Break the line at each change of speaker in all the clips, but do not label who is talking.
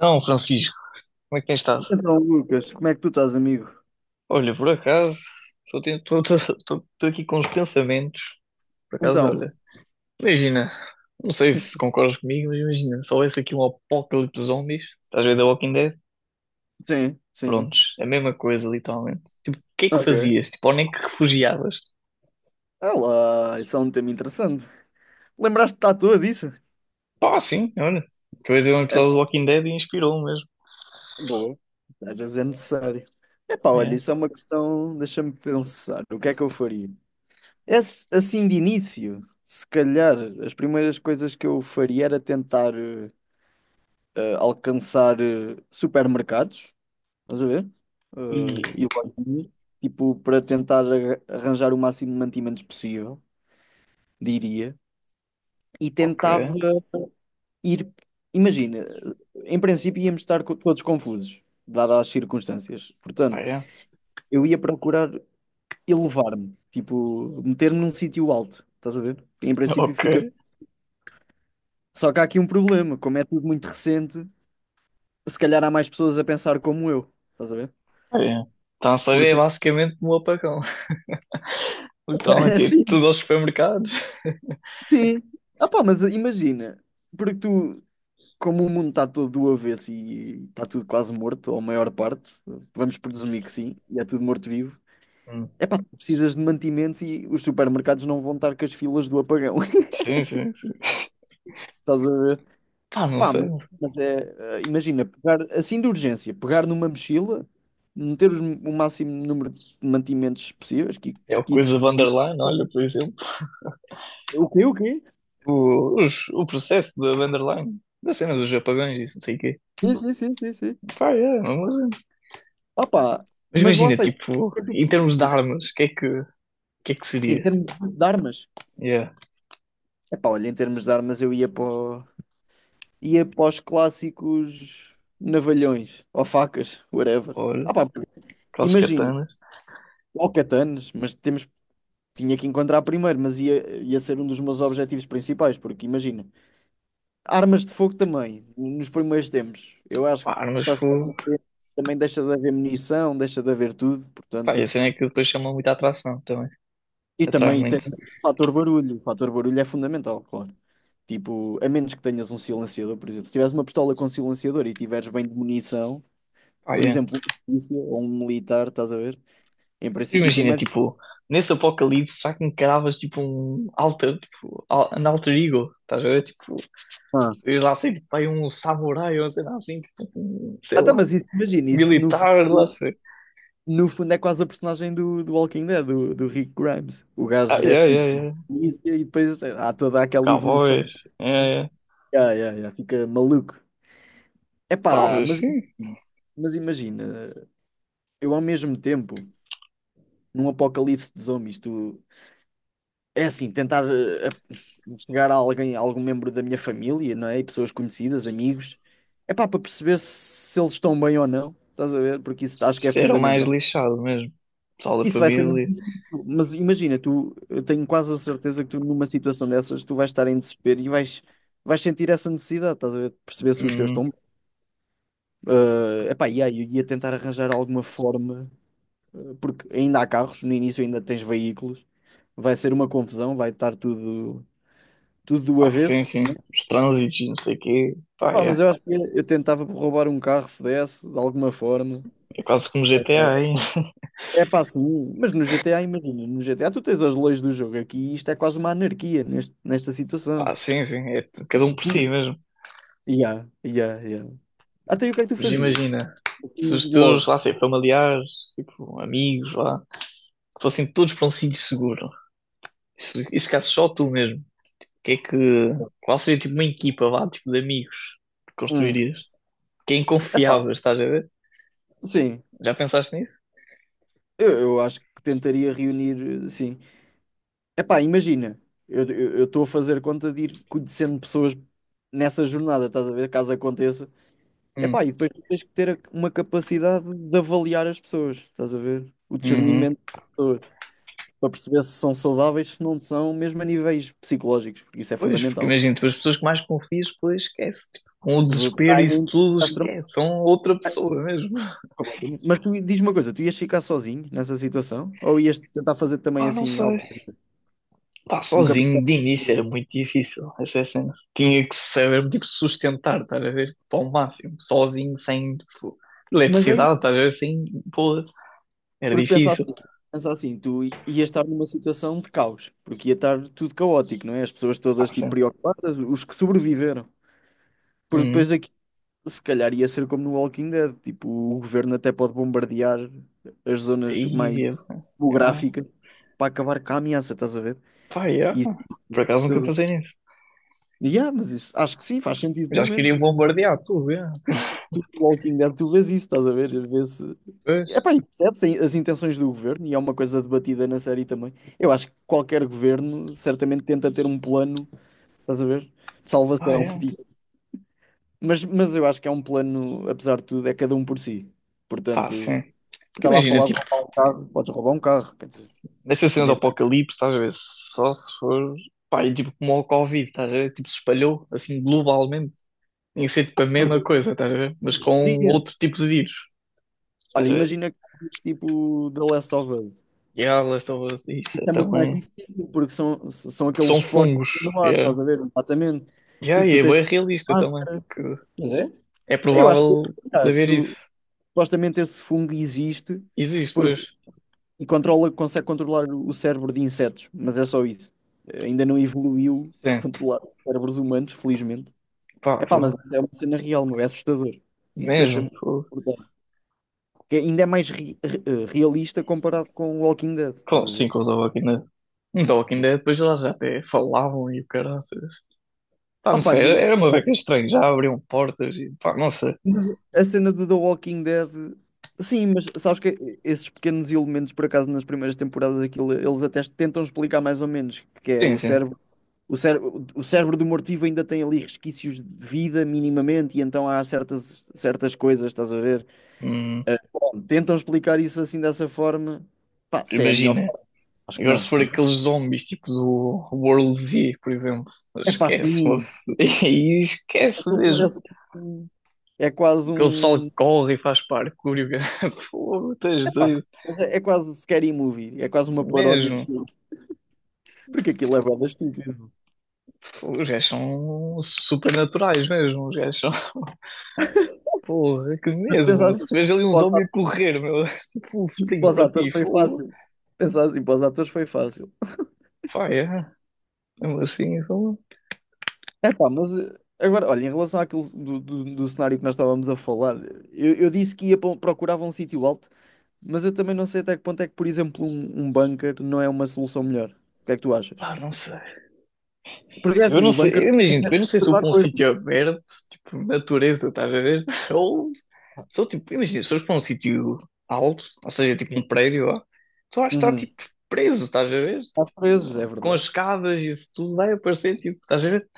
Não, Francisco, como é que tens estado?
Então, Lucas, como é que tu estás, amigo?
Olha, por acaso, estou ten- estou- estou- estou- estou aqui com os pensamentos. Por acaso,
Então,
olha, imagina, não sei se concordas comigo, mas imagina, se houvesse aqui um apocalipse de zombies, estás a ver The Walking Dead?
sim, sim.
Prontos, é a mesma coisa, literalmente. Tipo, o que é que
Ok.
fazias? Tipo, onde é que refugiavas?
Olá, isso é um tema interessante. Lembraste-te à toa disso?
Pá, sim, olha, acabei de ver um
É
episódio
pá,
do Walking Dead e inspirou mesmo.
boa. Às vezes é necessário. É pá,
Ah,
olha,
é.
isso é uma questão. Deixa-me pensar. O que é que eu faria? Assim, de início, se calhar, as primeiras coisas que eu faria era tentar alcançar supermercados, estás a ver?
E,
Eh, e lojinhas, tipo, para tentar arranjar o máximo de mantimentos possível. Diria, e
ok,
tentava ir. Imagina, em princípio íamos estar todos confusos, dadas as circunstâncias.
pá,
Portanto,
é,
eu ia procurar elevar-me, tipo, meter-me num sítio alto, estás a ver? Em princípio
ok,
ficas. Só que há aqui um problema, como é tudo muito recente, se calhar há mais pessoas a pensar como eu, estás a ver?
pá, é. Então, ou seja, é
Portanto,
basicamente um apagão. Literalmente, ia
assim,
tudo aos supermercados.
sim. Ah pá, mas imagina, porque tu como o mundo está todo do avesso e está tudo quase morto, ou a maior parte, vamos presumir que sim, e é tudo morto-vivo,
Hum.
é pá, precisas de mantimentos e os supermercados não vão estar com as filas do apagão.
Sim, sim, sim.
Estás a ver?
Pá, não
Pá,
sei. Não sei.
mas é, imagina, pegar assim de urgência, pegar numa mochila, meter o máximo número de mantimentos possíveis,
É o
kits.
coisa Vanderline, olha, por exemplo.
O quê? O quê?
O processo da Vanderline, da cena dos apagões, isso, não sei o quê.
Sim, sim, sim, sim, sim.
Pá, é, não vou dizer.
Ah, pá,
Mas
mas lá
imagina,
está.
tipo, em termos de armas, o que é que
Em
seria?
termos de armas,
Yeah.
é pá, olha, em termos de armas eu ia para o- ia para os clássicos navalhões ou facas, whatever.
Olha,
Ah, pá,
aquelas
imagino,
katanas.
ou katanas, mas temos, tinha que encontrar primeiro, mas ia, ia ser um dos meus objetivos principais, porque imagina, armas de fogo também, nos primeiros tempos. Eu acho
Pá,
que
armas
passar o
fogo.
tempo também deixa de haver munição, deixa de haver tudo,
Pá, e a
portanto.
cena é que depois chama muita atração também.
E
Atrai
também tens
muito.
o fator barulho é fundamental, claro. Tipo, a menos que tenhas um silenciador, por exemplo. Se tiveres uma pistola com silenciador e tiveres bem de munição,
Pá,
por
yeah.
exemplo, um polícia ou um militar, estás a ver? Em princípio tem
Imagina,
mais.
tipo, nesse apocalipse, já que encaravas, tipo, um alter, tipo, an alter ego, estás a ver? Tipo,
Ah,
diz lá assim, tipo, vai um samurai ou sei lá assim, tipo, um, sei
ah, tá,
lá,
mas isso, imagina, isso
militar, lá sei.
no fundo é quase a personagem do, do Walking Dead, do, do Rick Grimes. O gajo
Ai,
é
ai, ai,
tipo
ai.
polícia e depois há toda aquela evolução.
Cowboys. Ai, ai.
Yeah, yeah, yeah, fica maluco.
Pá,
Epá,
mas sim,
mas imagina, eu ao mesmo tempo, num apocalipse de zombies, tu, é assim, tentar chegar a alguém, a algum membro da minha família, não é? E pessoas conhecidas, amigos. É pá, para perceber se, se eles estão bem ou não, estás a ver? Porque isso acho que é
isso era o mais
fundamental.
lixado mesmo. Pessoal da
Isso vai ser muito
família.
difícil, mas imagina, tu, eu tenho quase a certeza que tu numa situação dessas, tu vais estar em desespero e vais, vais sentir essa necessidade, estás a ver? De perceber se os teus
Uhum.
estão bem. Epá, e aí eu ia tentar arranjar alguma forma, porque ainda há carros, no início ainda tens veículos, vai ser uma confusão, vai estar tudo, tudo do
Ah, sim,
avesso.
sim. Os trânsitos, não sei o quê. Pá,
Ah, mas
é.
eu acho que eu tentava roubar um carro se desse, de alguma forma.
É quase como GTA, hein?
É pá, sim, mas no GTA, imagina, no GTA tu tens as leis do jogo aqui e isto é quase uma anarquia nesta situação.
Ah, sim, sim. Cada um por si
Porque.
mesmo.
Ya, ya, ya. Até aí o que é que tu
Mas
fazias?
imagina, se
Assim,
os teus,
logo.
lá sei, familiares, tipo, amigos, lá, fossem todos para um sítio seguro. Isso ficasse só tu mesmo. Que é que. Qual seria tipo uma equipa, vá, tipo de amigos que
Hum.
construirias? Quem
Epá,
confiavas, estás a ver?
sim,
Já pensaste nisso?
eu acho que tentaria reunir, sim. Epá, imagina, eu estou a fazer conta de ir conhecendo pessoas nessa jornada, estás a ver, caso aconteça.
Hum,
Epá, e depois tu tens que ter uma capacidade de avaliar as pessoas, estás a ver? O
uhum.
discernimento das pessoas, para perceber se são saudáveis, se não são, mesmo a níveis psicológicos, porque isso é
Pois, porque
fundamental.
imagina, tipo, as pessoas que mais confias, pois esquece. Tipo, com o desespero, isso tudo,
Estás tramado.
esquece. São outra pessoa mesmo.
Mas tu diz uma coisa, tu ias ficar sozinho nessa situação? Ou ias tentar fazer também
Pá, não
assim
sei.
algo?
Pá,
Nunca
sozinho,
pensaste
de início era
nisso.
muito difícil essa cena. Tinha que saber, tipo, sustentar, estás a ver? Tipo, ao máximo. Sozinho, sem, tipo,
Mas aí,
eletricidade, estás a ver? Sem, pô, era
porque
difícil.
pensa assim, ias estar numa situação de caos, porque ia estar tudo caótico, não é? As pessoas
Pá,
todas tipo
sim.
preocupadas, os que sobreviveram. Porque
Uhum.
depois aqui se calhar ia ser como no Walking Dead, tipo, o governo até pode bombardear as zonas mais
Aí, é, já.
geográficas para acabar com a ameaça, estás a ver?
Pá, yeah.
E isso é
Por acaso nunca
assustador.
pensei nisso.
E, ah, mas isso acho que sim, faz sentido
Já
pelo
acho que
menos.
iria bombardear tudo, yeah.
Tu, no Walking Dead, tu vês isso, estás a ver? Às vês,
Pois.
epá, e percebes as intenções do governo e é uma coisa debatida na série também. Eu acho que qualquer governo certamente tenta ter um plano, estás a ver? De
Pá,
salvação.
yeah.
Mas eu acho que é um plano, apesar de tudo, é cada um por si.
Pá, sim.
Portanto.
Porque
Estava a
imagina,
falar de
tipo,
roubar um carro, podes roubar um carro, quer dizer,
nessa cena do
ninguém te-
apocalipse, estás a ver? Só se for. Pá, e tipo como o Covid, estás a ver? Tipo, se espalhou assim globalmente. Tinha que ser tipo a
mas
mesma coisa, estás a ver? Mas
neste
com
dia,
outro tipo de vírus,
olha,
estás a ver?
imagina que fazes tipo The Last of Us.
Yeah, Last of Us, isso é
Isso é muito mais
também.
difícil, porque são, são
Porque
aqueles
são
esportes
fungos,
no mar,
yeah.
estás a ver? Exatamente.
Yeah,
Tipo,
e
tu
é
tens
bem realista também,
máscara.
porque
Pois é?
é
Eu acho que
provável de
aliás,
haver isso.
tu, supostamente esse fungo existe
Existe,
porque,
pois.
e controla, consegue controlar o cérebro de insetos, mas é só isso. Ainda não evoluiu para
Sim,
controlar cérebros humanos, felizmente.
pá,
Epá, mas
foi.
é uma cena real, meu, é assustador. Isso
Mesmo,
deixa-me
foi.
acordar. Que ainda é mais realista comparado com o Walking Dead, estás
Com,
a
sim,
ver?
com os The Walking Dead. Em The Walking Dead, depois elas até falavam e o caraças. Pá, não
Opa,
sei, era uma beca estranha. Já abriam portas e pá, não sei.
a cena do The Walking Dead. Sim, mas sabes que esses pequenos elementos, por acaso, nas primeiras temporadas, aquilo, eles até tentam explicar mais ou menos, que é
Sim,
o
sim.
cérebro. O cérebro, o cérebro do mortivo ainda tem ali resquícios de vida minimamente, e então há certas, certas coisas, estás a ver?
Hum,
Bom, tentam explicar isso assim dessa forma. Pá, se é a melhor
Imagina.
forma, acho que
Agora, se
não.
for
Não
aqueles zombies tipo do World Z, por exemplo,
é é pá,
esquece,
sim.
moço. E esquece
Aquilo
mesmo.
parece que é quase
Aquele pessoal que
um.
corre e faz parkour. Fogo, tens
É pá,
doido.
mas é quase um scary movie. É quase uma paródia de
Mesmo.
filme. Porque aquilo é bué estúpido.
Fogo, os gajos são supernaturais mesmo. Os gajos são. Porra, é que
Mas
mesmo.
pensar
Meu.
assim,
Se vejo ali um
para os
zombie a
ato-
correr, meu, full
para
sprint
os
para ti,
atores foi
fogo.
fácil. Pensar assim, para os atores foi fácil.
Pá, é. Mesmo assim, fogo.
É pá, mas agora, olha, em relação àquilo do cenário que nós estávamos a falar, eu disse que ia procurar um sítio alto. Mas eu também não sei até que ponto é que, por exemplo, um bunker não é uma solução melhor. O que é que tu achas?
Pá, não sei.
Porque é
Eu
assim,
não
o bunker.
sei, eu imagino, tipo, eu não sei se eu
Há
para um
coisas.
sítio aberto, tipo, natureza, estás a ver? Ou, sou tipo, imagina, se fores para um sítio alto, ou seja, tipo um prédio lá, tu vais estar,
Uhum.
tipo, preso, estás a ver?
Há coisas, é
Tipo, com as
verdade.
escadas e isso tudo vai aparecer, tipo, estás a ver?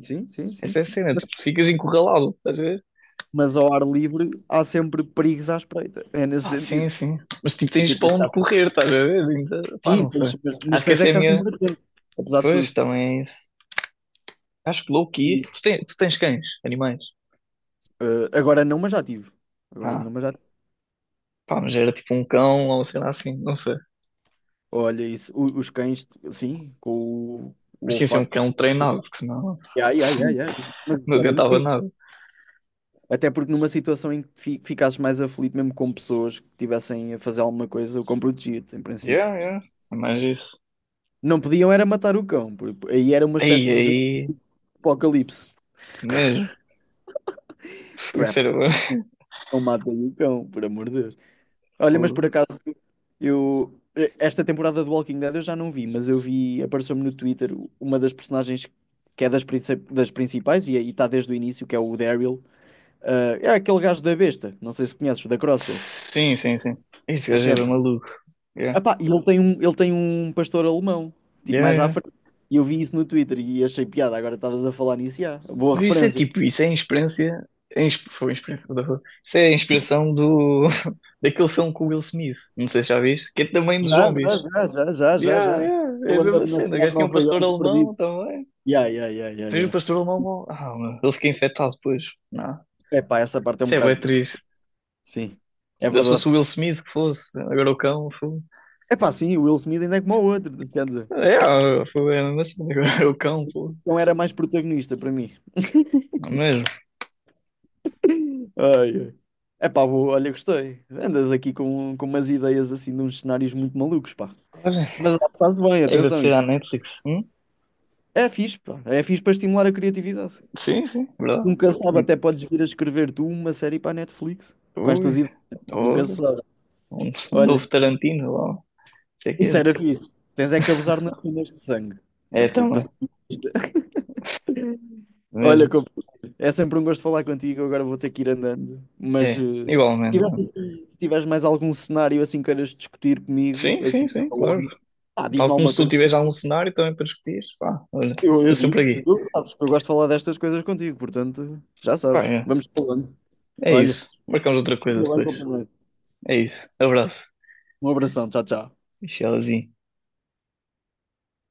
Sim, sim,
Essa é a
sim.
cena, tipo, ficas encurralado, estás a ver?
Mas ao ar livre há sempre perigos à espreita. É nesse
Pá, sim,
sentido.
sim. Mas tipo,
E
tens
tu tens de
para onde
estar-
correr, estás a ver? Então, pá,
sim,
não sei.
tens, mas
Acho que
tens é
essa é a
que estar
minha.
sempre atento. Apesar de
Pois,
tudo.
também é isso. Acho que low-key. Tu tens cães, animais.
Eh, agora não, mas já tive. Agora
Ah,
não, mas já tive.
pá, mas era tipo um cão ou sei lá assim, não sei.
Olha isso. Os cães, sim, com o
Parecia ser um
olfato.
cão treinado, porque senão
Ai, ai, ai, ai. Mas
não
isso era
adiantava
incrível.
nada.
Até porque numa situação em que ficasses mais aflito, mesmo com pessoas que estivessem a fazer alguma coisa, o cão protegia-te, em princípio.
Yeah, yeah. É mais isso.
Não podiam era matar o cão, por- aí era uma
Aí,
espécie de jogo
aí.
de apocalipse.
Mesmo. Foi
Por é,
sério.
não matem o cão, por amor de Deus. Olha, mas por
Fogo.
acaso, esta temporada do Walking Dead eu já não vi, mas eu vi, apareceu-me no Twitter uma das personagens que é das principais e aí está desde o início, que é o Daryl. Ah, é aquele gajo da besta, não sei se conheces, da Crossbow,
Sim, sim, sim. Esse
da
gajo é bem
seta.
maluco. Yeah.
Epá, e ele tem um pastor alemão, tipo
Yeah,
mais à
yeah.
frente. E eu vi isso no Twitter e achei piada. Agora estavas a falar nisso, já. Boa
Mas isso é
referência.
tipo, isso é a experiência. Foi a experiência, what the fuck? Isso é a inspiração do, daquele filme com o Will Smith. Não sei se já viste, que é também de
Já,
zombies.
já, já, já, já, já,
Yeah,
já.
yeah, é a
Ele anda
mesma
na
cena. O
cidade de
gajo tinha um
Nova
pastor
Iorque
alemão
perdido.
também.
Já, já, já, já,
Depois o
já.
pastor alemão, meu, ele fica infectado depois. Não,
Epá, essa parte é um
isso é bem
bocado.
triste.
Sim, é
Eu Se fosse
verdade.
o Will Smith que fosse, agora o cão, foi.
Epá, sim, o Will Smith ainda é como o outro, quer dizer.
É, foi a mesma cena, agora é o cão, pô.
Então era mais protagonista para mim.
Não é mesmo?
Ai, ai. Epá, boa, olha, gostei. Andas aqui com umas ideias assim de uns cenários muito malucos, pá.
Olha,
Mas faz bem,
é
atenção,
agradecer à
isto.
Netflix. Hum?
É fixe, pá. É fixe para estimular a criatividade.
Sim, sim, verdade.
Nunca se sabe,
Sim.
até podes vir a escrever tu uma série para a Netflix com estas
Ui,
ideias. Nunca
ora.
se sabe.
Um novo
Olha,
Tarantino, lá, não sei o quê.
isso era fixe. Tens é que abusar nas penas de sangue.
É,
Porque passa-
também,
olha,
mesmo.
compa, é sempre um gosto falar contigo. Agora vou ter que ir andando. Mas
É,
se
igualmente.
tiveres,
Né?
assim- se tiveres mais algum cenário assim queiras discutir comigo,
Sim, sim,
assim,
sim, claro.
falando, ah, diz-me
Tal como
alguma
se tu
coisa.
tiveres algum cenário também para discutir, pá, olha,
Eu
estou sempre
digo-te,
aqui.
tu sabes que eu gosto de falar destas coisas contigo, portanto, já
Pá,
sabes.
é,
Vamos falando.
é
Olha,
isso. Marcamos outra
fica
coisa
bem,
depois.
companheiro.
É isso. Abraço.
Um abração, tchau, tchau.
Tchauzinho.